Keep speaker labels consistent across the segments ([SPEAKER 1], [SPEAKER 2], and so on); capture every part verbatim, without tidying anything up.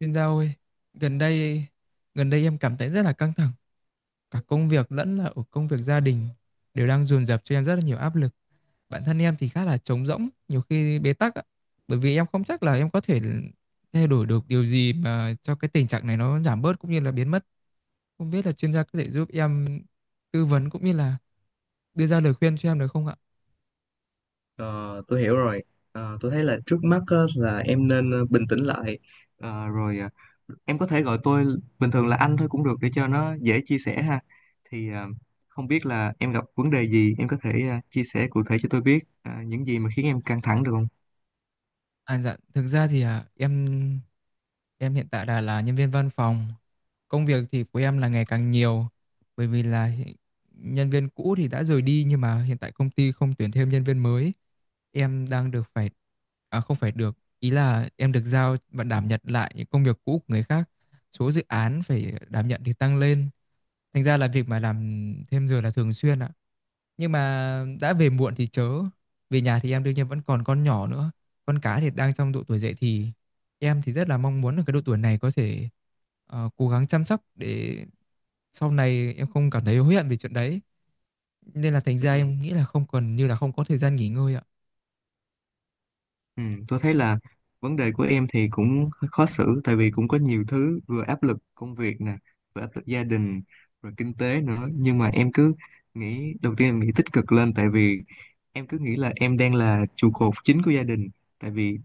[SPEAKER 1] Chuyên gia ơi, gần đây gần đây em cảm thấy rất là căng thẳng, cả công việc lẫn là ở công việc gia đình đều đang dồn dập cho em rất là nhiều áp lực. Bản thân em thì khá là trống rỗng, nhiều khi bế tắc ạ, bởi vì em không chắc là em có thể thay đổi được điều gì mà cho cái tình trạng này nó giảm bớt cũng như là biến mất. Không biết là chuyên gia có thể giúp em tư vấn cũng như là đưa ra lời khuyên cho em được không ạ?
[SPEAKER 2] Ờ, tôi hiểu rồi. Ờ, tôi thấy là trước mắt á, là em nên ờ, bình tĩnh lại. Ờ, rồi ờ, em có thể gọi tôi bình thường là anh thôi cũng được để cho nó dễ chia sẻ ha. Thì ờ, Không biết là em gặp vấn đề gì, em có thể ờ, chia sẻ cụ thể cho tôi biết ờ, những gì mà khiến em căng thẳng được không?
[SPEAKER 1] À dạ, thực ra thì à, em Em hiện tại đã là nhân viên văn phòng. Công việc thì của em là ngày càng nhiều, bởi vì là hiện- nhân viên cũ thì đã rời đi nhưng mà hiện tại công ty không tuyển thêm nhân viên mới. Em đang được phải, à không phải được, ý là em được giao và đảm nhận lại những công việc cũ của người khác. Số dự án phải đảm nhận thì tăng lên. Thành ra là việc mà làm thêm giờ là thường xuyên ạ. Nhưng mà đã về muộn thì chớ, về nhà thì em đương nhiên vẫn còn con nhỏ nữa. Con cái thì đang trong độ tuổi dậy thì, em thì rất là mong muốn ở cái độ tuổi này có thể ờ, cố gắng chăm sóc để sau này em không cảm thấy hối hận về chuyện đấy. Nên là thành ra em
[SPEAKER 2] Ừ.
[SPEAKER 1] nghĩ là không còn, như là không có thời gian nghỉ ngơi ạ.
[SPEAKER 2] Ừ, tôi thấy là vấn đề của em thì cũng hơi khó xử, tại vì cũng có nhiều thứ, vừa áp lực công việc nè, vừa áp lực gia đình, rồi kinh tế nữa. Nhưng mà em cứ nghĩ, đầu tiên em nghĩ tích cực lên, tại vì em cứ nghĩ là em đang là trụ cột chính của gia đình, tại vì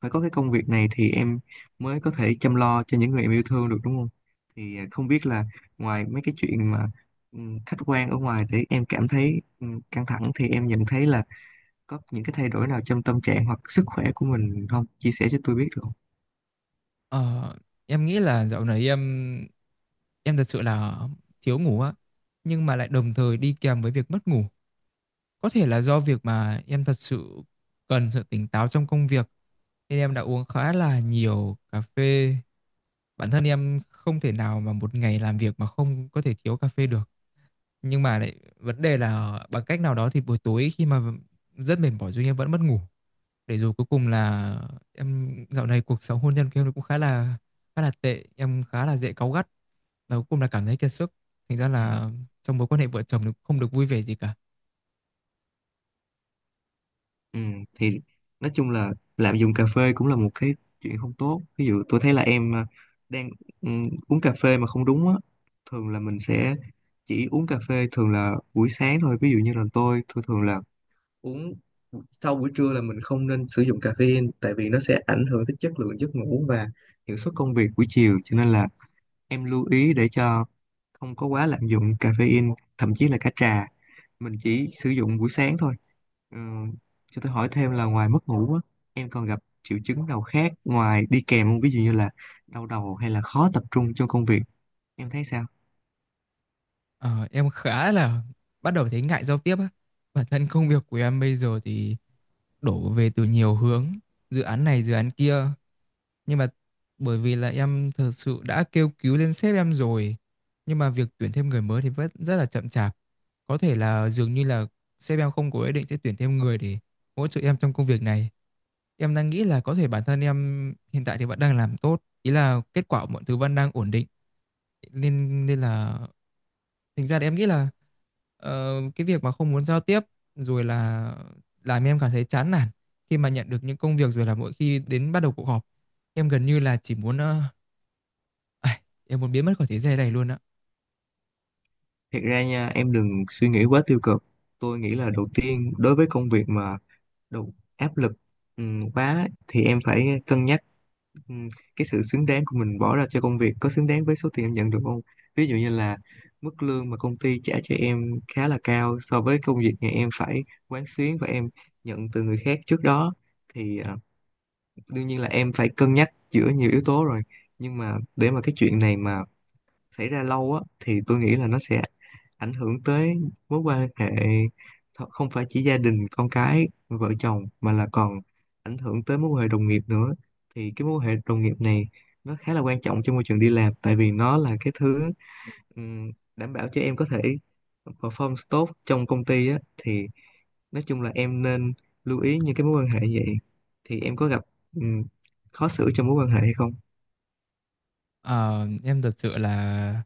[SPEAKER 2] phải có cái công việc này thì em mới có thể chăm lo cho những người em yêu thương được, đúng không? Thì à, không biết là ngoài mấy cái chuyện mà ừm, khách quan ở ngoài để em cảm thấy ừm, căng thẳng, thì em nhận thấy là có những cái thay đổi nào trong tâm trạng hoặc sức khỏe của mình không, chia sẻ cho tôi biết được không?
[SPEAKER 1] Ờ, em nghĩ là dạo này em em thật sự là thiếu ngủ á, nhưng mà lại đồng thời đi kèm với việc mất ngủ. Có thể là do việc mà em thật sự cần sự tỉnh táo trong công việc nên em đã uống khá là nhiều cà phê. Bản thân em không thể nào mà một ngày làm việc mà không có thể thiếu cà phê được. Nhưng mà lại vấn đề là bằng cách nào đó thì buổi tối, khi mà rất mệt mỏi nhưng em vẫn mất ngủ. Để rồi cuối cùng là em dạo này cuộc sống hôn nhân của em nó cũng khá là khá là tệ, em khá là dễ cáu gắt. Và cuối cùng là cảm thấy kiệt sức. Thành ra là trong mối quan hệ vợ chồng nó cũng không được vui vẻ gì cả.
[SPEAKER 2] Ừ, thì nói chung là lạm dụng cà phê cũng là một cái chuyện không tốt. Ví dụ tôi thấy là em à, đang ừ, uống cà phê mà không đúng á, thường là mình sẽ chỉ uống cà phê thường là buổi sáng thôi. Ví dụ như là tôi thường thường là uống sau buổi trưa là mình không nên sử dụng caffeine, tại vì nó sẽ ảnh hưởng tới chất lượng giấc ngủ và hiệu suất công việc buổi chiều. Cho nên là em lưu ý để cho không có quá lạm dụng caffeine, thậm chí là cả trà. Mình chỉ sử dụng buổi sáng thôi. Ờ, cho tôi hỏi thêm là ngoài mất ngủ á, em còn gặp triệu chứng nào khác ngoài đi kèm không? Ví dụ như là đau đầu hay là khó tập trung trong công việc. Em thấy sao?
[SPEAKER 1] Ờ, em khá là bắt đầu thấy ngại giao tiếp á. Bản thân công việc của em bây giờ thì đổ về từ nhiều hướng, dự án này dự án kia. Nhưng mà bởi vì là em thật sự đã kêu cứu lên sếp em rồi, nhưng mà việc tuyển thêm người mới thì vẫn rất là chậm chạp. Có thể là dường như là sếp em không có ý định sẽ tuyển thêm người để hỗ trợ em trong công việc này. Em đang nghĩ là có thể bản thân em hiện tại thì vẫn đang làm tốt, ý là kết quả mọi thứ vẫn đang ổn định, nên nên là thành ra thì em nghĩ là ờ, cái việc mà không muốn giao tiếp rồi là làm em cảm thấy chán nản khi mà nhận được những công việc, rồi là mỗi khi đến bắt đầu cuộc họp em gần như là chỉ muốn, ờ, ai, em muốn biến mất khỏi thế giới này luôn á.
[SPEAKER 2] Thiệt ra nha, em đừng suy nghĩ quá tiêu cực. Tôi nghĩ là đầu tiên, đối với công việc mà đầu áp lực ừm, quá thì em phải cân nhắc. Ừ, cái sự xứng đáng của mình bỏ ra cho công việc có xứng đáng với số tiền em nhận được không? Ví dụ như là mức lương mà công ty trả cho em khá là cao so với công việc mà em phải quán xuyến và em nhận từ người khác trước đó, thì à, đương nhiên là em phải cân nhắc giữa nhiều yếu tố rồi. Nhưng mà để mà cái chuyện này mà xảy ra lâu á, thì tôi nghĩ là nó sẽ ảnh hưởng tới mối quan hệ, th- không phải chỉ gia đình con cái vợ chồng mà là còn ảnh hưởng tới mối quan hệ đồng nghiệp nữa. Thì cái mối quan hệ đồng nghiệp này nó khá là quan trọng cho môi trường đi làm, tại vì nó là cái thứ ừm, đảm bảo cho em có thể perform tốt trong công ty á. Thì nói chung là em nên lưu ý những cái mối quan hệ như vậy. Thì em có gặp ừm, khó xử trong mối quan hệ hay không?
[SPEAKER 1] Ờ, em thật sự là,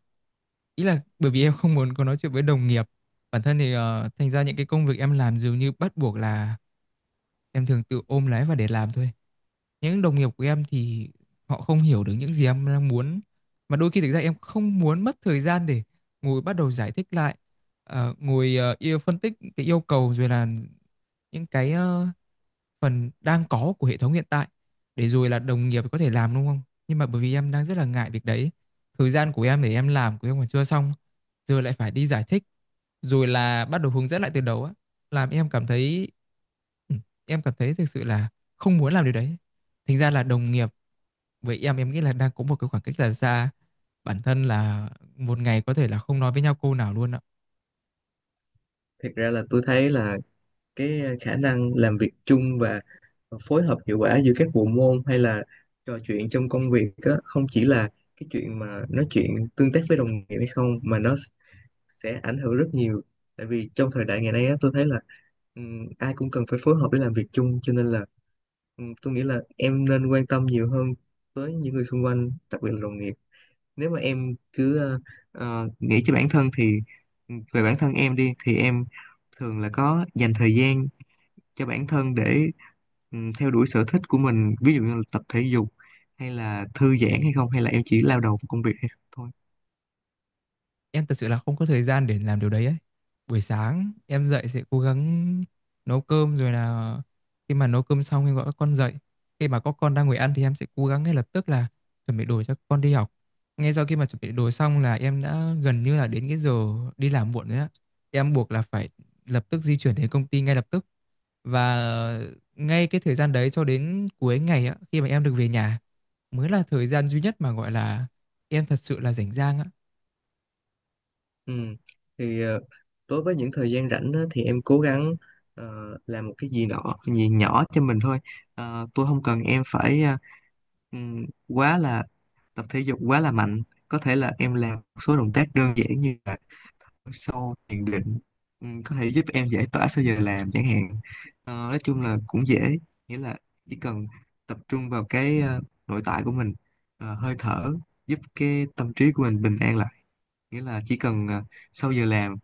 [SPEAKER 1] ý là bởi vì em không muốn có nói chuyện với đồng nghiệp, bản thân thì ờ, thành ra những cái công việc em làm dường như bắt buộc là em thường tự ôm lấy và để làm thôi. Những đồng nghiệp của em thì họ không hiểu được những gì em đang muốn, mà đôi khi thực ra em không muốn mất thời gian để ngồi bắt đầu giải thích lại, ờ, ngồi ờ, yêu phân tích cái yêu cầu, rồi là những cái ờ, phần đang có của hệ thống hiện tại để rồi là đồng nghiệp có thể làm đúng không? Nhưng mà bởi vì em đang rất là ngại việc đấy. Thời gian của em để em làm của em còn chưa xong, giờ lại phải đi giải thích, rồi là bắt đầu hướng dẫn lại từ đầu á, làm em cảm thấy, ừ, em cảm thấy thực sự là không muốn làm điều đấy. Thành ra là đồng nghiệp với em em nghĩ là đang có một cái khoảng cách là xa. Bản thân là một ngày có thể là không nói với nhau câu nào luôn ạ.
[SPEAKER 2] Thật ra là tôi thấy là cái ờ, khả năng làm việc chung và phối hợp hiệu quả giữa các bộ môn hay là trò chuyện trong công việc á, không chỉ là cái chuyện mà nói chuyện tương tác với đồng nghiệp hay không, mà nó s- sẽ ảnh hưởng rất nhiều, tại vì trong thời đại ngày nay á, tôi thấy là ừm, ai cũng cần phải phối hợp để làm việc chung. Cho nên là ừm, tôi nghĩ là em nên quan tâm nhiều hơn tới những người xung quanh, đặc biệt là đồng nghiệp. Nếu mà em cứ ờ, ờ, nghĩ cho bản thân thì ừm, về bản thân em đi, thì em thường là có dành thời gian cho bản thân để ừm, theo đuổi sở thích của mình, ví dụ như là tập thể dục hay là thư giãn hay không, hay là em chỉ lao đầu vào công việc hay không thôi?
[SPEAKER 1] Em thật sự là không có thời gian để làm điều đấy ấy. Buổi sáng em dậy sẽ cố gắng nấu cơm, rồi là khi mà nấu cơm xong em gọi các con dậy. Khi mà có con đang ngồi ăn thì em sẽ cố gắng ngay lập tức là chuẩn bị đồ cho con đi học. Ngay sau khi mà chuẩn bị đồ xong là em đã gần như là đến cái giờ đi làm muộn rồi á. Em buộc là phải lập tức di chuyển đến công ty ngay lập tức, và ngay cái thời gian đấy cho đến cuối ngày á, khi mà em được về nhà mới là thời gian duy nhất mà gọi là em thật sự là rảnh rang á.
[SPEAKER 2] Ừ. Thì ờ, đối với những thời gian rảnh á, thì em cố gắng ờ, làm một cái gì đó gì nhỏ cho mình thôi. Ờ, tôi không cần em phải ờ, ừm, quá là tập thể dục quá là mạnh. Có thể là em làm một số động tác đơn giản như là sâu thiền định, ừ, có thể giúp em giải tỏa sau giờ làm chẳng hạn. Ờ, nói chung là cũng dễ, nghĩa là chỉ cần tập trung vào cái ờ, nội tại của mình, ờ, hơi thở, giúp cái tâm trí của mình bình an lại. Nghĩa là chỉ cần ờ, sau giờ làm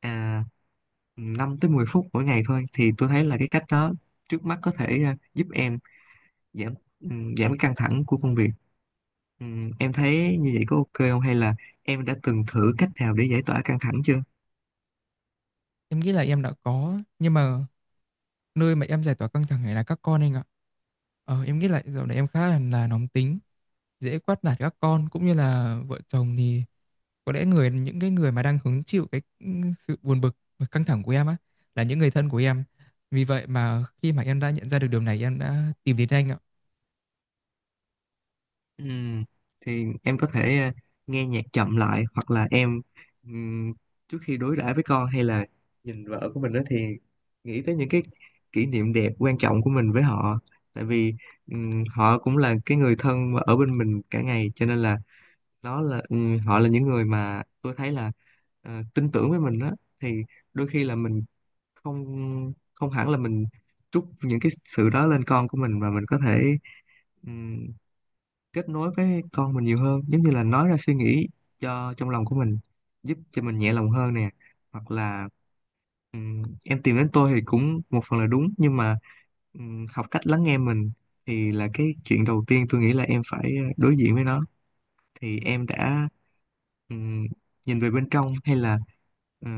[SPEAKER 2] à, năm tới mười phút mỗi ngày thôi, thì tôi thấy là cái cách đó trước mắt có thể ờ, giúp em giảm ừm, giảm cái căng thẳng của công việc. Ừm, em thấy như vậy có OK không, hay là em đã từng thử cách nào để giải tỏa căng thẳng chưa?
[SPEAKER 1] Em nghĩ là em đã có, nhưng mà nơi mà em giải tỏa căng thẳng này là các con anh ạ. Ờ, em nghĩ lại dạo này em khá là, là nóng tính, dễ quát nạt các con cũng như là vợ chồng, thì có lẽ người, những cái người mà đang hứng chịu cái ừ, sự buồn bực và căng thẳng của em á là những người thân của em. Vì vậy mà khi mà em đã nhận ra được điều này, em đã tìm đến anh ạ.
[SPEAKER 2] Ừm, thì em có thể ờ, nghe nhạc chậm lại, hoặc là em ừm, trước khi đối đãi với con hay là nhìn vợ của mình đó, thì nghĩ tới những cái kỷ niệm đẹp quan trọng của mình với họ, tại vì ừm, họ cũng là cái người thân mà ở bên mình cả ngày. Cho nên là nó là ừm, họ là những người mà tôi thấy là ờ, tin tưởng với mình đó. Thì đôi khi là mình không không hẳn là mình trút những cái sự đó lên con của mình, mà mình có thể kết nối với con mình nhiều hơn, giống như là nói ra suy nghĩ cho trong lòng của mình, giúp cho mình nhẹ lòng hơn nè. Hoặc là ừm, em tìm đến tôi thì cũng một phần là đúng, nhưng mà ừm, học cách lắng nghe mình thì là cái chuyện đầu tiên tôi nghĩ là em phải ờ, đối diện với nó. Thì em đã ừm, nhìn về bên trong hay là ờ,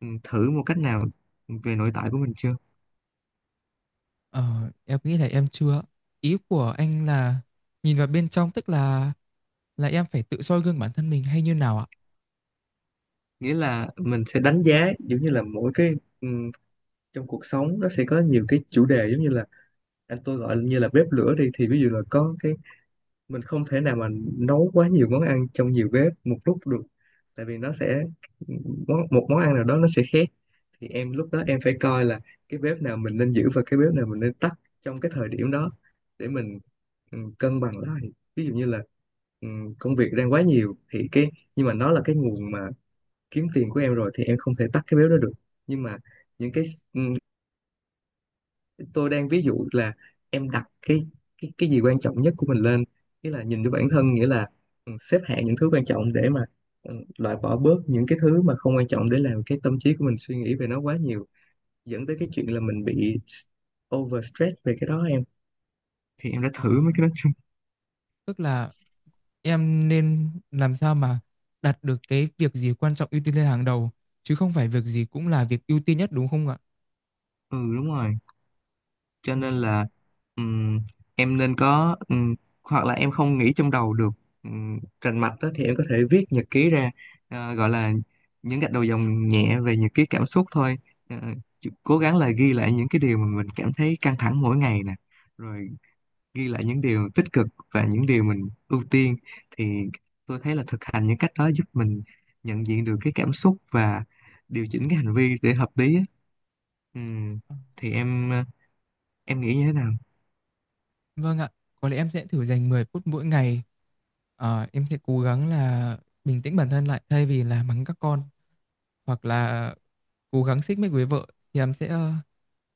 [SPEAKER 2] ừm, thử một cách nào về nội tại của mình chưa?
[SPEAKER 1] Ờ, em nghĩ là em chưa. Ý của anh là nhìn vào bên trong, tức là là em phải tự soi gương bản thân mình hay như nào ạ?
[SPEAKER 2] Nghĩa là mình sẽ đánh giá, giống như là mỗi cái ừm, trong cuộc sống nó sẽ có nhiều cái chủ đề, giống như là anh tôi gọi như là bếp lửa đi, thì ví dụ là có cái mình không thể nào mà nấu quá nhiều món ăn trong nhiều bếp một lúc được, tại vì nó sẽ món một món ăn nào đó nó sẽ khét. Thì em lúc đó em phải coi là cái bếp nào mình nên giữ và cái bếp nào mình nên tắt trong cái thời điểm đó để mình ừ, cân bằng lại. Ví dụ như là ừ, công việc đang quá nhiều thì cái, nhưng mà nó là cái nguồn mà kiếm tiền của em rồi, thì em không thể tắt cái bếp đó được. Nhưng mà những cái ừ, tôi đang ví dụ là em đặt cái, cái cái gì quan trọng nhất của mình lên, nghĩa là nhìn cho bản thân, nghĩa là ừ, xếp hạng những thứ quan trọng để mà ừ, loại bỏ bớt những cái thứ mà không quan trọng, để làm cái tâm trí của mình suy nghĩ về nó quá nhiều, dẫn tới cái chuyện là mình bị s- overstress về cái đó em. Thì em đã
[SPEAKER 1] Ờ,
[SPEAKER 2] thử mấy cái đó chưa?
[SPEAKER 1] tức là em nên làm sao mà đặt được cái việc gì quan trọng ưu tiên lên hàng đầu, chứ không phải việc gì cũng là việc ưu tiên nhất, đúng không ạ?
[SPEAKER 2] Ừ, đúng rồi. Cho nên
[SPEAKER 1] Ừm,
[SPEAKER 2] là ừm, em nên có, ừm, hoặc là em không nghĩ trong đầu được um, rành mạch đó, thì em có thể viết nhật ký ra. Ờ, gọi là những gạch đầu dòng nhẹ về nhật ký cảm xúc thôi. Ờ, chú- Cố gắng là ghi lại những cái điều mà mình cảm thấy căng thẳng mỗi ngày nè, rồi ghi lại những điều tích cực và những điều mình ưu tiên. Thì tôi thấy là thực hành những cách đó giúp mình nhận diện được cái cảm xúc và điều chỉnh cái hành vi để hợp lý á. Ừm,
[SPEAKER 1] à,
[SPEAKER 2] thì em ờ, em nghĩ như thế nào?
[SPEAKER 1] Vâng ạ, có lẽ em sẽ thử dành mười phút mỗi ngày. Ờ, em sẽ cố gắng là bình tĩnh bản thân lại, thay vì là mắng các con hoặc là cố gắng xích mích với vợ, thì em sẽ ờ,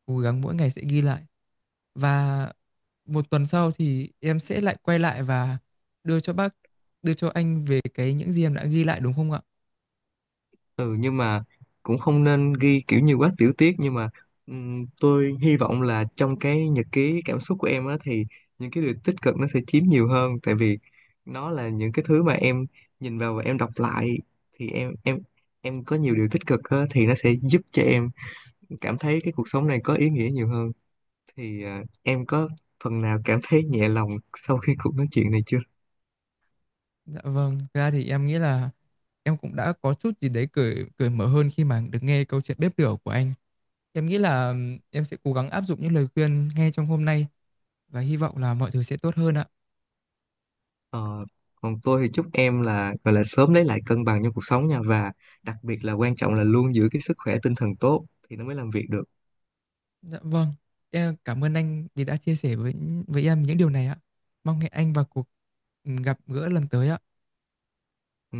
[SPEAKER 1] cố gắng mỗi ngày sẽ ghi lại. Và một tuần sau thì em sẽ lại quay lại và đưa cho bác, đưa cho anh về cái những gì em đã ghi lại, đúng không ạ?
[SPEAKER 2] Ừ, nhưng mà cũng không nên ghi kiểu nhiều quá tiểu tiết. Nhưng mà ừm, tôi hy vọng là trong cái nhật ký cảm xúc của em á, thì những cái điều tích cực nó sẽ chiếm nhiều hơn, tại vì nó là những cái thứ mà em nhìn vào và em đọc lại. Thì em em em có nhiều điều tích cực á, thì nó sẽ giúp cho em cảm thấy cái cuộc sống này có ý nghĩa nhiều hơn. Thì à, em có phần nào cảm thấy nhẹ lòng sau khi cuộc nói chuyện này chưa?
[SPEAKER 1] Dạ vâng, thực ra thì em nghĩ là em cũng đã có chút gì đấy cởi cởi mở hơn khi mà được nghe câu chuyện bếp lửa của anh. Em nghĩ là ừm, em sẽ cố gắng áp dụng những lời khuyên nghe trong hôm nay, và hy vọng là mọi thứ sẽ tốt hơn ạ.
[SPEAKER 2] Ờ, Còn tôi thì chúc em là gọi là sớm lấy lại cân bằng trong cuộc sống nha, và đặc biệt là quan trọng là luôn giữ cái sức khỏe tinh thần tốt thì nó mới làm việc được.
[SPEAKER 1] Dạ vâng, em cảm ơn anh vì đã chia sẻ với với em những điều này ạ. Mong hẹn anh vào cuộc ừm, gặp gỡ lần tới ạ.
[SPEAKER 2] Ừ.